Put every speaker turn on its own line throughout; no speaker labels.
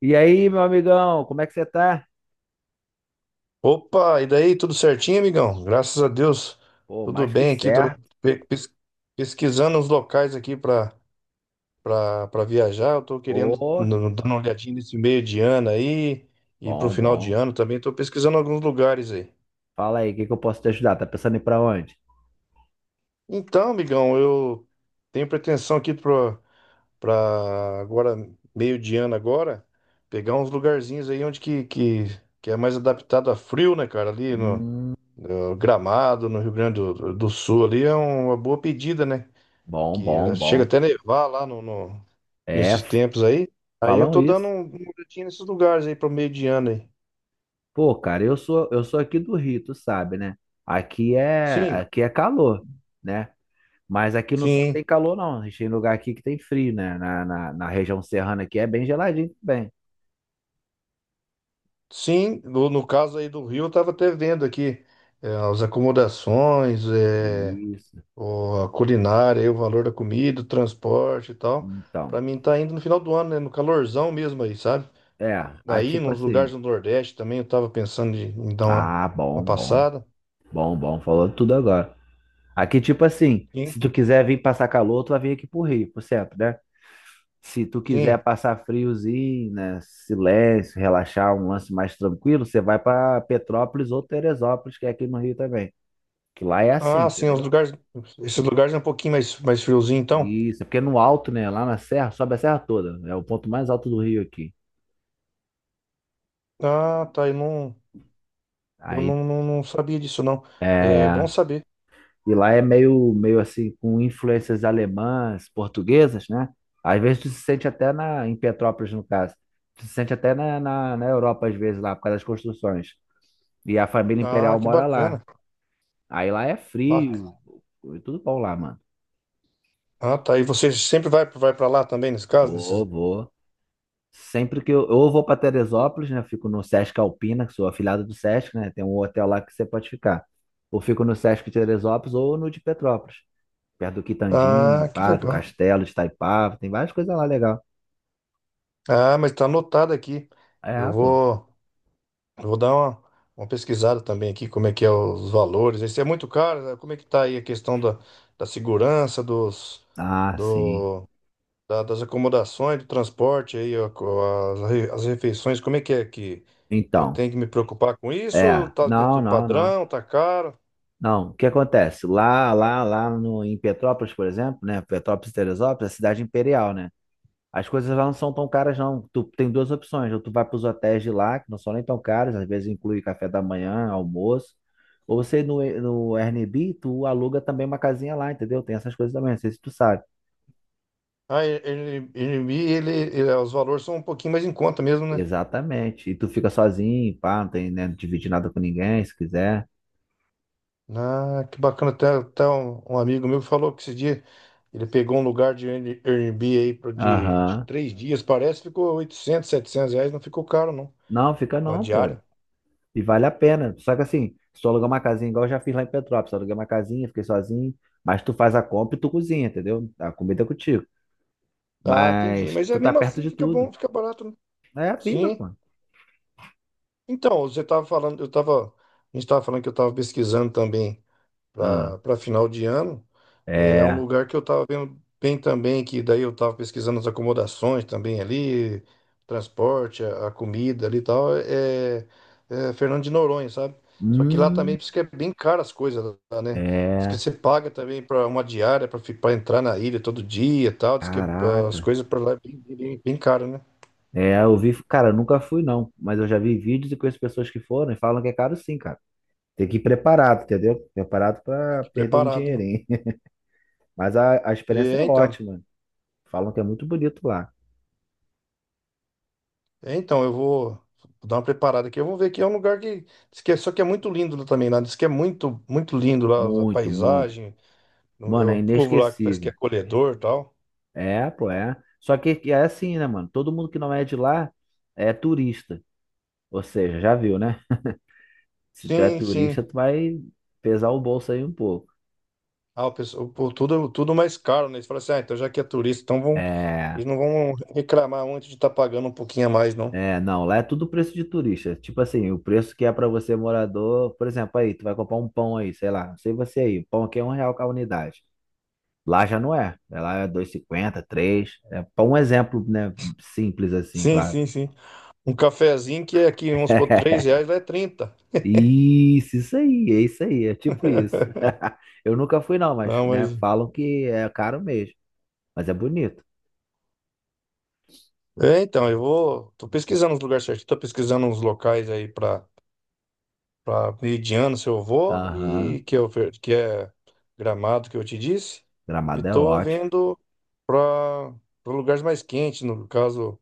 E aí, meu amigão, como é que você tá?
Opa, e daí, tudo certinho, amigão? Graças a Deus,
Pô,
tudo
mais que
bem aqui. Tô
certo.
pe- pes- pesquisando os locais aqui para viajar. Eu tô querendo
Pô,
dar uma olhadinha nesse meio de ano aí e pro
bom,
final de
bom.
ano também. Tô pesquisando alguns lugares aí.
Fala aí, o que que eu posso te ajudar? Tá pensando em ir pra onde?
Então, amigão, eu tenho pretensão aqui para agora meio de ano agora pegar uns lugarzinhos aí onde que é mais adaptado a frio, né, cara? Ali no
Hum,
O Gramado, no Rio Grande do Sul, ali é uma boa pedida, né?
bom,
Que
bom,
chega
bom.
até nevar lá
É,
nesses
f-
tempos aí. Aí eu
falam
tô dando
isso.
um boletim nesses lugares aí pro meio de ano aí.
Pô, cara, eu sou aqui do Rio, tu sabe, né? Aqui é
Sim,
aqui é calor, né? Mas aqui não só tem
sim,
calor, não. A gente tem lugar aqui que tem frio, né? Na região serrana aqui é bem geladinho também.
sim. No caso aí do Rio, eu tava até vendo aqui, as acomodações,
Isso.
a culinária, aí, o valor da comida, o transporte e tal. Pra
Então.
mim tá indo no final do ano, né? No calorzão mesmo aí, sabe?
É, aí
Daí,
tipo
nos lugares
assim.
do Nordeste também, eu tava pensando em dar uma
Ah,
uma
bom, bom,
passada.
bom, bom. Falou tudo agora. Aqui, tipo assim,
Sim,
se tu quiser vir passar calor, tu vai vir aqui pro Rio, por sempre, né? Se tu quiser
sim.
passar friozinho, né? Silêncio, relaxar, um lance mais tranquilo, você vai pra Petrópolis ou Teresópolis, que é aqui no Rio também. Que lá é assim,
Ah, sim, os
entendeu?
lugares. Esses lugares é um pouquinho mais friozinho, então.
Isso, é porque é no alto, né? Lá na serra, sobe a serra toda. É o ponto mais alto do Rio aqui.
Ah, tá. Eu
Aí,
não, não, não sabia disso, não. É bom
é.
saber.
E lá é meio assim, com influências alemãs, portuguesas, né? Às vezes tu se sente até na, em Petrópolis, no caso. Tu se sente até na Europa, às vezes, lá, por causa das construções. E a família imperial
Ah, que
mora lá.
bacana.
Aí lá é frio,
Bac-
tudo bom lá, mano.
Ah, tá. E você sempre vai para lá também, nesse caso?
Vou, vou. Sempre que eu vou para Teresópolis, né? Fico no Sesc Alpina, que sou afiliado do Sesc, né? Tem um hotel lá que você pode ficar. Ou fico no Sesc Teresópolis ou no de Petrópolis. Perto do Quitandinho,
Ah, que
pá, do
legal.
Castelo de Itaipava, tem várias coisas lá legal.
Ah, mas tá anotado aqui. Eu
É, pô.
vou, eu vou dar uma pesquisada também aqui, como é que é os valores. Isso é muito caro, né? Como é que tá aí a questão da segurança,
Ah, sim.
do, das acomodações, do transporte aí, ó, as refeições, como é que eu
Então,
tenho que me preocupar com isso?
é.
Tá
Não,
dentro do
não, não.
padrão, tá caro?
Não, o que acontece? Lá, lá, lá no, em Petrópolis, por exemplo, né? Petrópolis e Teresópolis, é cidade imperial, né? As coisas lá não são tão caras, não. Tu tem duas opções. Ou tu vai para os hotéis de lá, que não são nem tão caros, às vezes inclui café da manhã, almoço. Ou você no, no Airbnb, tu aluga também uma casinha lá, entendeu? Tem essas coisas também, não sei se tu sabe.
Ah, os valores são um pouquinho mais em conta mesmo, né?
Exatamente. E tu fica sozinho, pá, não tem, né, dividir nada com ninguém, se quiser.
Ah, que bacana, até um amigo meu falou que esse dia ele pegou um lugar de Airbnb aí de
Aham.
3 dias, parece, ficou 800, R$ 700, não ficou caro não,
Não, fica
na
não, pô.
diária.
E vale a pena. Só que assim, se tu alugar uma casinha, igual eu já fiz lá em Petrópolis, eu aluguei uma casinha, fiquei sozinho, mas tu faz a compra e tu cozinha, entendeu? A comida é contigo.
Ah, entendi,
Mas
mas
tu
é
tá
mesmo
perto
assim
de
fica
tudo.
bom, fica barato, né?
É, fica,
Sim.
pô.
Então, você estava falando, eu estava, a gente estava falando que eu estava pesquisando também
Ah,
para final de ano. É um
é.
lugar que eu estava vendo bem também, que daí eu estava pesquisando as acomodações também ali, transporte, a comida ali e tal. É Fernando de Noronha, sabe? Só que lá
Hum,
também diz que é bem caro as coisas lá, né? Diz que
é.
você paga também para uma diária para entrar na ilha todo dia e tal. Diz que
Caraca.
as coisas para lá é bem, bem, bem caro, né?
É, eu vi, cara, eu nunca fui não, mas eu já vi vídeos e conheço pessoas que foram e falam que é caro sim, cara. Tem que ir preparado, entendeu? Preparado para perder um
Preparado, né?
dinheirinho. Mas a experiência é
É, então,
ótima. Falam que é muito bonito lá.
É, então, eu vou dar uma preparada aqui. Eu vou ver aqui. É um lugar que, diz que só que é muito lindo lá também lá. Diz que é muito, muito lindo lá, a
Muito, muito.
paisagem,
Mano,
o
é
povo lá que parece que é
inesquecível.
acolhedor e tal.
É, pô, é. Só que é assim, né, mano? Todo mundo que não é de lá é turista. Ou seja, já viu, né? Se tu é
Sim,
turista,
sim.
tu vai pesar o bolso aí um pouco.
Ah, o pessoal, pô, tudo, tudo mais caro, né? Eles falam assim, ah, então já que é turista, então
É,
eles não vão reclamar muito de estar pagando um pouquinho a mais, não.
não, lá é tudo preço de turista. Tipo assim, o preço que é pra você morador, por exemplo, aí, tu vai comprar um pão aí, sei lá, não sei você aí, o pão aqui é um real com a unidade. Lá já não é. Né? Lá é dois e cinquenta, três, é para um exemplo, né? Simples assim,
Sim,
claro.
sim, sim. Um cafezinho que é aqui, vamos supor, 3 reais, lá é 30.
Isso aí, é tipo isso. Eu nunca fui não, mas,
Não,
né,
mas.
falam que é caro mesmo, mas é bonito.
É, então, eu vou. Tô pesquisando os lugares certinhos, tô pesquisando uns locais aí pra. Para Meridiano, seu avô,
Aham,
o que é Gramado que eu te disse. E
Gramado é
tô
ótimo.
vendo para lugares mais quentes, no caso,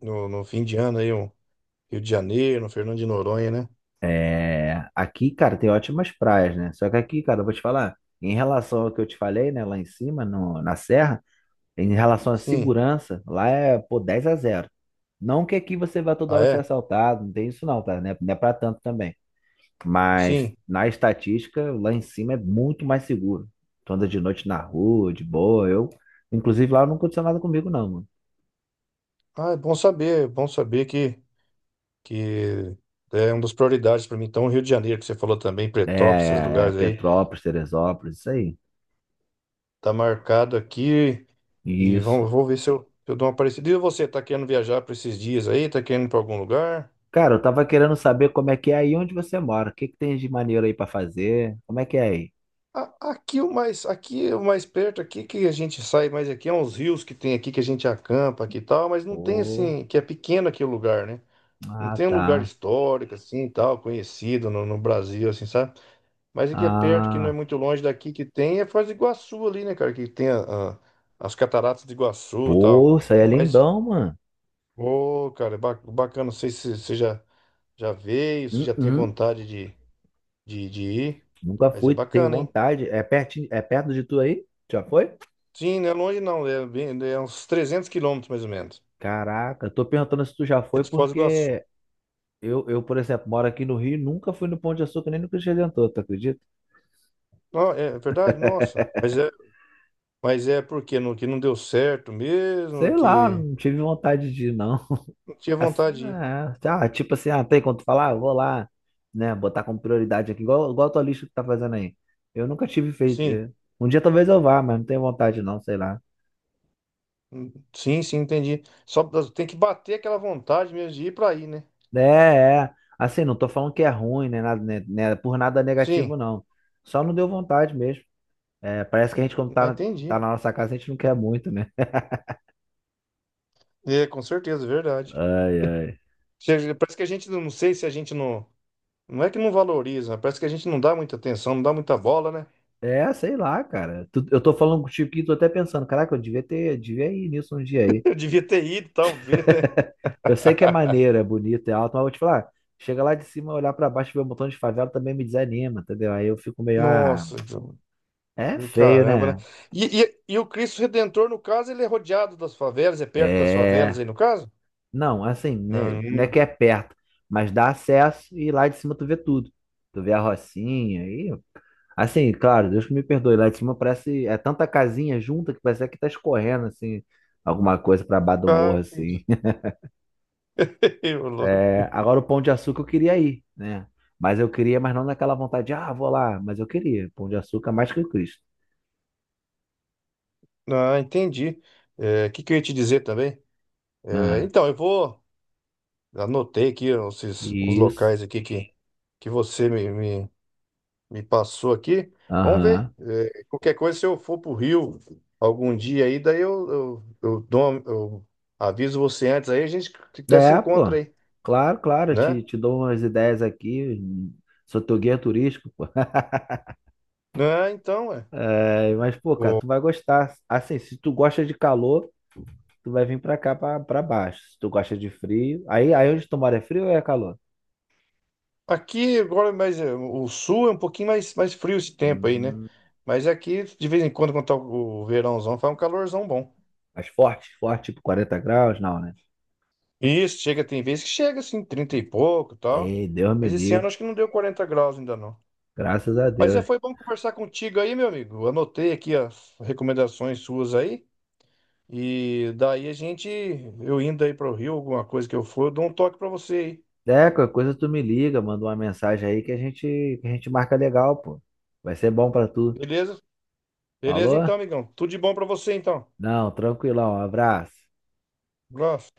no fim de ano aí, um Rio de Janeiro, um Fernando de Noronha, né?
É, aqui, cara, tem ótimas praias, né? Só que aqui, cara, eu vou te falar, em relação ao que eu te falei, né, lá em cima, no, na serra, em relação à
Sim.
segurança, lá é, pô, 10 a zero. Não que aqui você vá toda
Ah,
hora ser
é?
assaltado, não tem isso não, tá? Não é pra tanto também. Mas
Sim.
na estatística, lá em cima é muito mais seguro. Tu anda de noite na rua, de boa. Eu, inclusive, lá não aconteceu nada comigo, não, mano.
Ah, é bom saber que é uma das prioridades para mim. Então, o Rio de Janeiro, que você falou também,
É,
Pretópolis, esses
é é
lugares aí,
Petrópolis, Teresópolis, isso aí.
tá marcado aqui e
Isso.
vou ver se eu dou uma parecida. E você, tá querendo viajar para esses dias aí? Tá querendo ir para algum lugar?
Cara, eu tava querendo saber como é que é aí onde você mora. O que que tem de maneiro aí pra fazer? Como é que é aí?
Aqui o mais perto aqui que a gente sai mais aqui é uns rios que tem aqui que a gente acampa aqui e tal, mas não tem
Oh,
assim, que é pequeno aqui o lugar, né? Não
ah,
tem um lugar
tá.
histórico assim, e tal, conhecido no Brasil assim, sabe? Mas aqui é perto, que não é
Ah,
muito longe daqui que tem é Foz do Iguaçu ali, né, cara, que tem as cataratas de Iguaçu, e tal.
pô, isso aí é
Mas
lindão, mano.
ô, cara, bacana, não sei se você já veio, se já tem
Uhum.
vontade de ir,
Nunca
mas é
fui, tenho
bacana, hein?
vontade. É pertinho, é perto de tu aí? Já foi?
Sim, não é longe não, é uns 300 quilômetros mais ou menos.
Caraca, tô perguntando se tu já
É
foi
de Foz do Iguaçu.
porque por exemplo, moro aqui no Rio, e nunca fui no Pão de Açúcar nem no Cristo Redentor, tu acredita?
Não, é verdade? Nossa. Mas é porque não, que não deu certo mesmo,
Sei lá,
que
não tive vontade de ir, não.
não tinha
Assim,
vontade de ir.
é, tá, tipo assim, ah, tem quando falar, eu vou lá, né, botar como prioridade aqui, igual a tua lista que tá fazendo aí. Eu nunca tive feito.
Sim,
É. Um dia talvez eu vá, mas não tenho vontade, não, sei lá.
sim, sim, entendi. Tem que bater aquela vontade mesmo de ir para aí, né?
É, é. Assim, não tô falando que é ruim, nem nada, né, por nada negativo,
Sim,
não. Só não deu vontade mesmo. É, parece que a gente,
ah, entendi.
tá na nossa casa, a gente não quer muito, né?
É, com certeza, é verdade.
Ai, ai.
Parece que a gente, não sei se a gente não. Não é que não valoriza, parece que a gente não dá muita atenção, não dá muita bola, né?
É, sei lá, cara. Tu- Eu tô falando contigo aqui, tô até pensando, caraca, devia ir nisso um dia aí.
Eu devia ter ido, talvez, né?
Eu sei que é maneiro, é bonito, é alto, mas vou te falar, chega lá de cima, olhar pra baixo e ver um montão de favela também me desanima, entendeu? Aí eu fico meio, ah,
Nossa,
é feio,
caramba, né?
né?
E o Cristo Redentor, no caso, ele é rodeado das favelas, é perto das
É.
favelas aí, no caso?
Não, assim, né,
Não.
não é
Hum.
que é perto, mas dá acesso e lá de cima tu vê tudo. Tu vê a Rocinha e. Assim, claro, Deus que me perdoe, lá de cima parece. É tanta casinha junta que parece que tá escorrendo, assim, alguma coisa pra baixo do
Ah,
morro, assim.
entendi. Ô, louco.
É, agora o Pão de Açúcar eu queria ir, né? Mas eu queria, mas não naquela vontade de, ah, vou lá, mas eu queria. Pão de Açúcar é mais que o Cristo.
Ah, entendi. É, o que eu ia te dizer também? É,
Ah,
então, eu vou. Anotei aqui esses, os
isso.
locais aqui que você me passou aqui. Vamos ver.
Aham.
É, qualquer coisa, se eu for pro Rio algum dia aí, daí eu aviso você antes aí, a gente até se
É, pô.
encontra aí,
Claro, claro,
né?
te dou umas ideias aqui. Sou teu guia turístico, pô.
Ah, então, é.
É, mas, pô, cara, tu vai gostar. Assim, se tu gosta de calor, tu vai vir pra cá, pra baixo. Se tu gosta de frio, aí onde tu mora é frio ou é calor?
Aqui agora mais o sul é um pouquinho mais frio esse tempo aí, né?
Hum,
Mas aqui, de vez em quando, quando tá o verãozão, faz um calorzão bom.
mas forte, tipo 40 graus, não, né?
Isso, chega, tem vezes que chega assim, 30 e pouco e tal.
Ei, Deus me
Mas esse ano
livre.
acho que não deu 40 graus ainda não.
Graças a Deus.
Foi bom conversar contigo aí, meu amigo. Anotei aqui as recomendações suas aí. E daí a gente, eu indo aí pro Rio, alguma coisa que eu for, eu dou um toque pra você aí.
É, qualquer coisa tu me liga, manda uma mensagem aí que que a gente marca legal, pô. Vai ser bom pra tu.
Beleza? Beleza
Falou?
então, amigão. Tudo de bom pra você então.
Não, tranquilão. Um abraço.
Um abraço.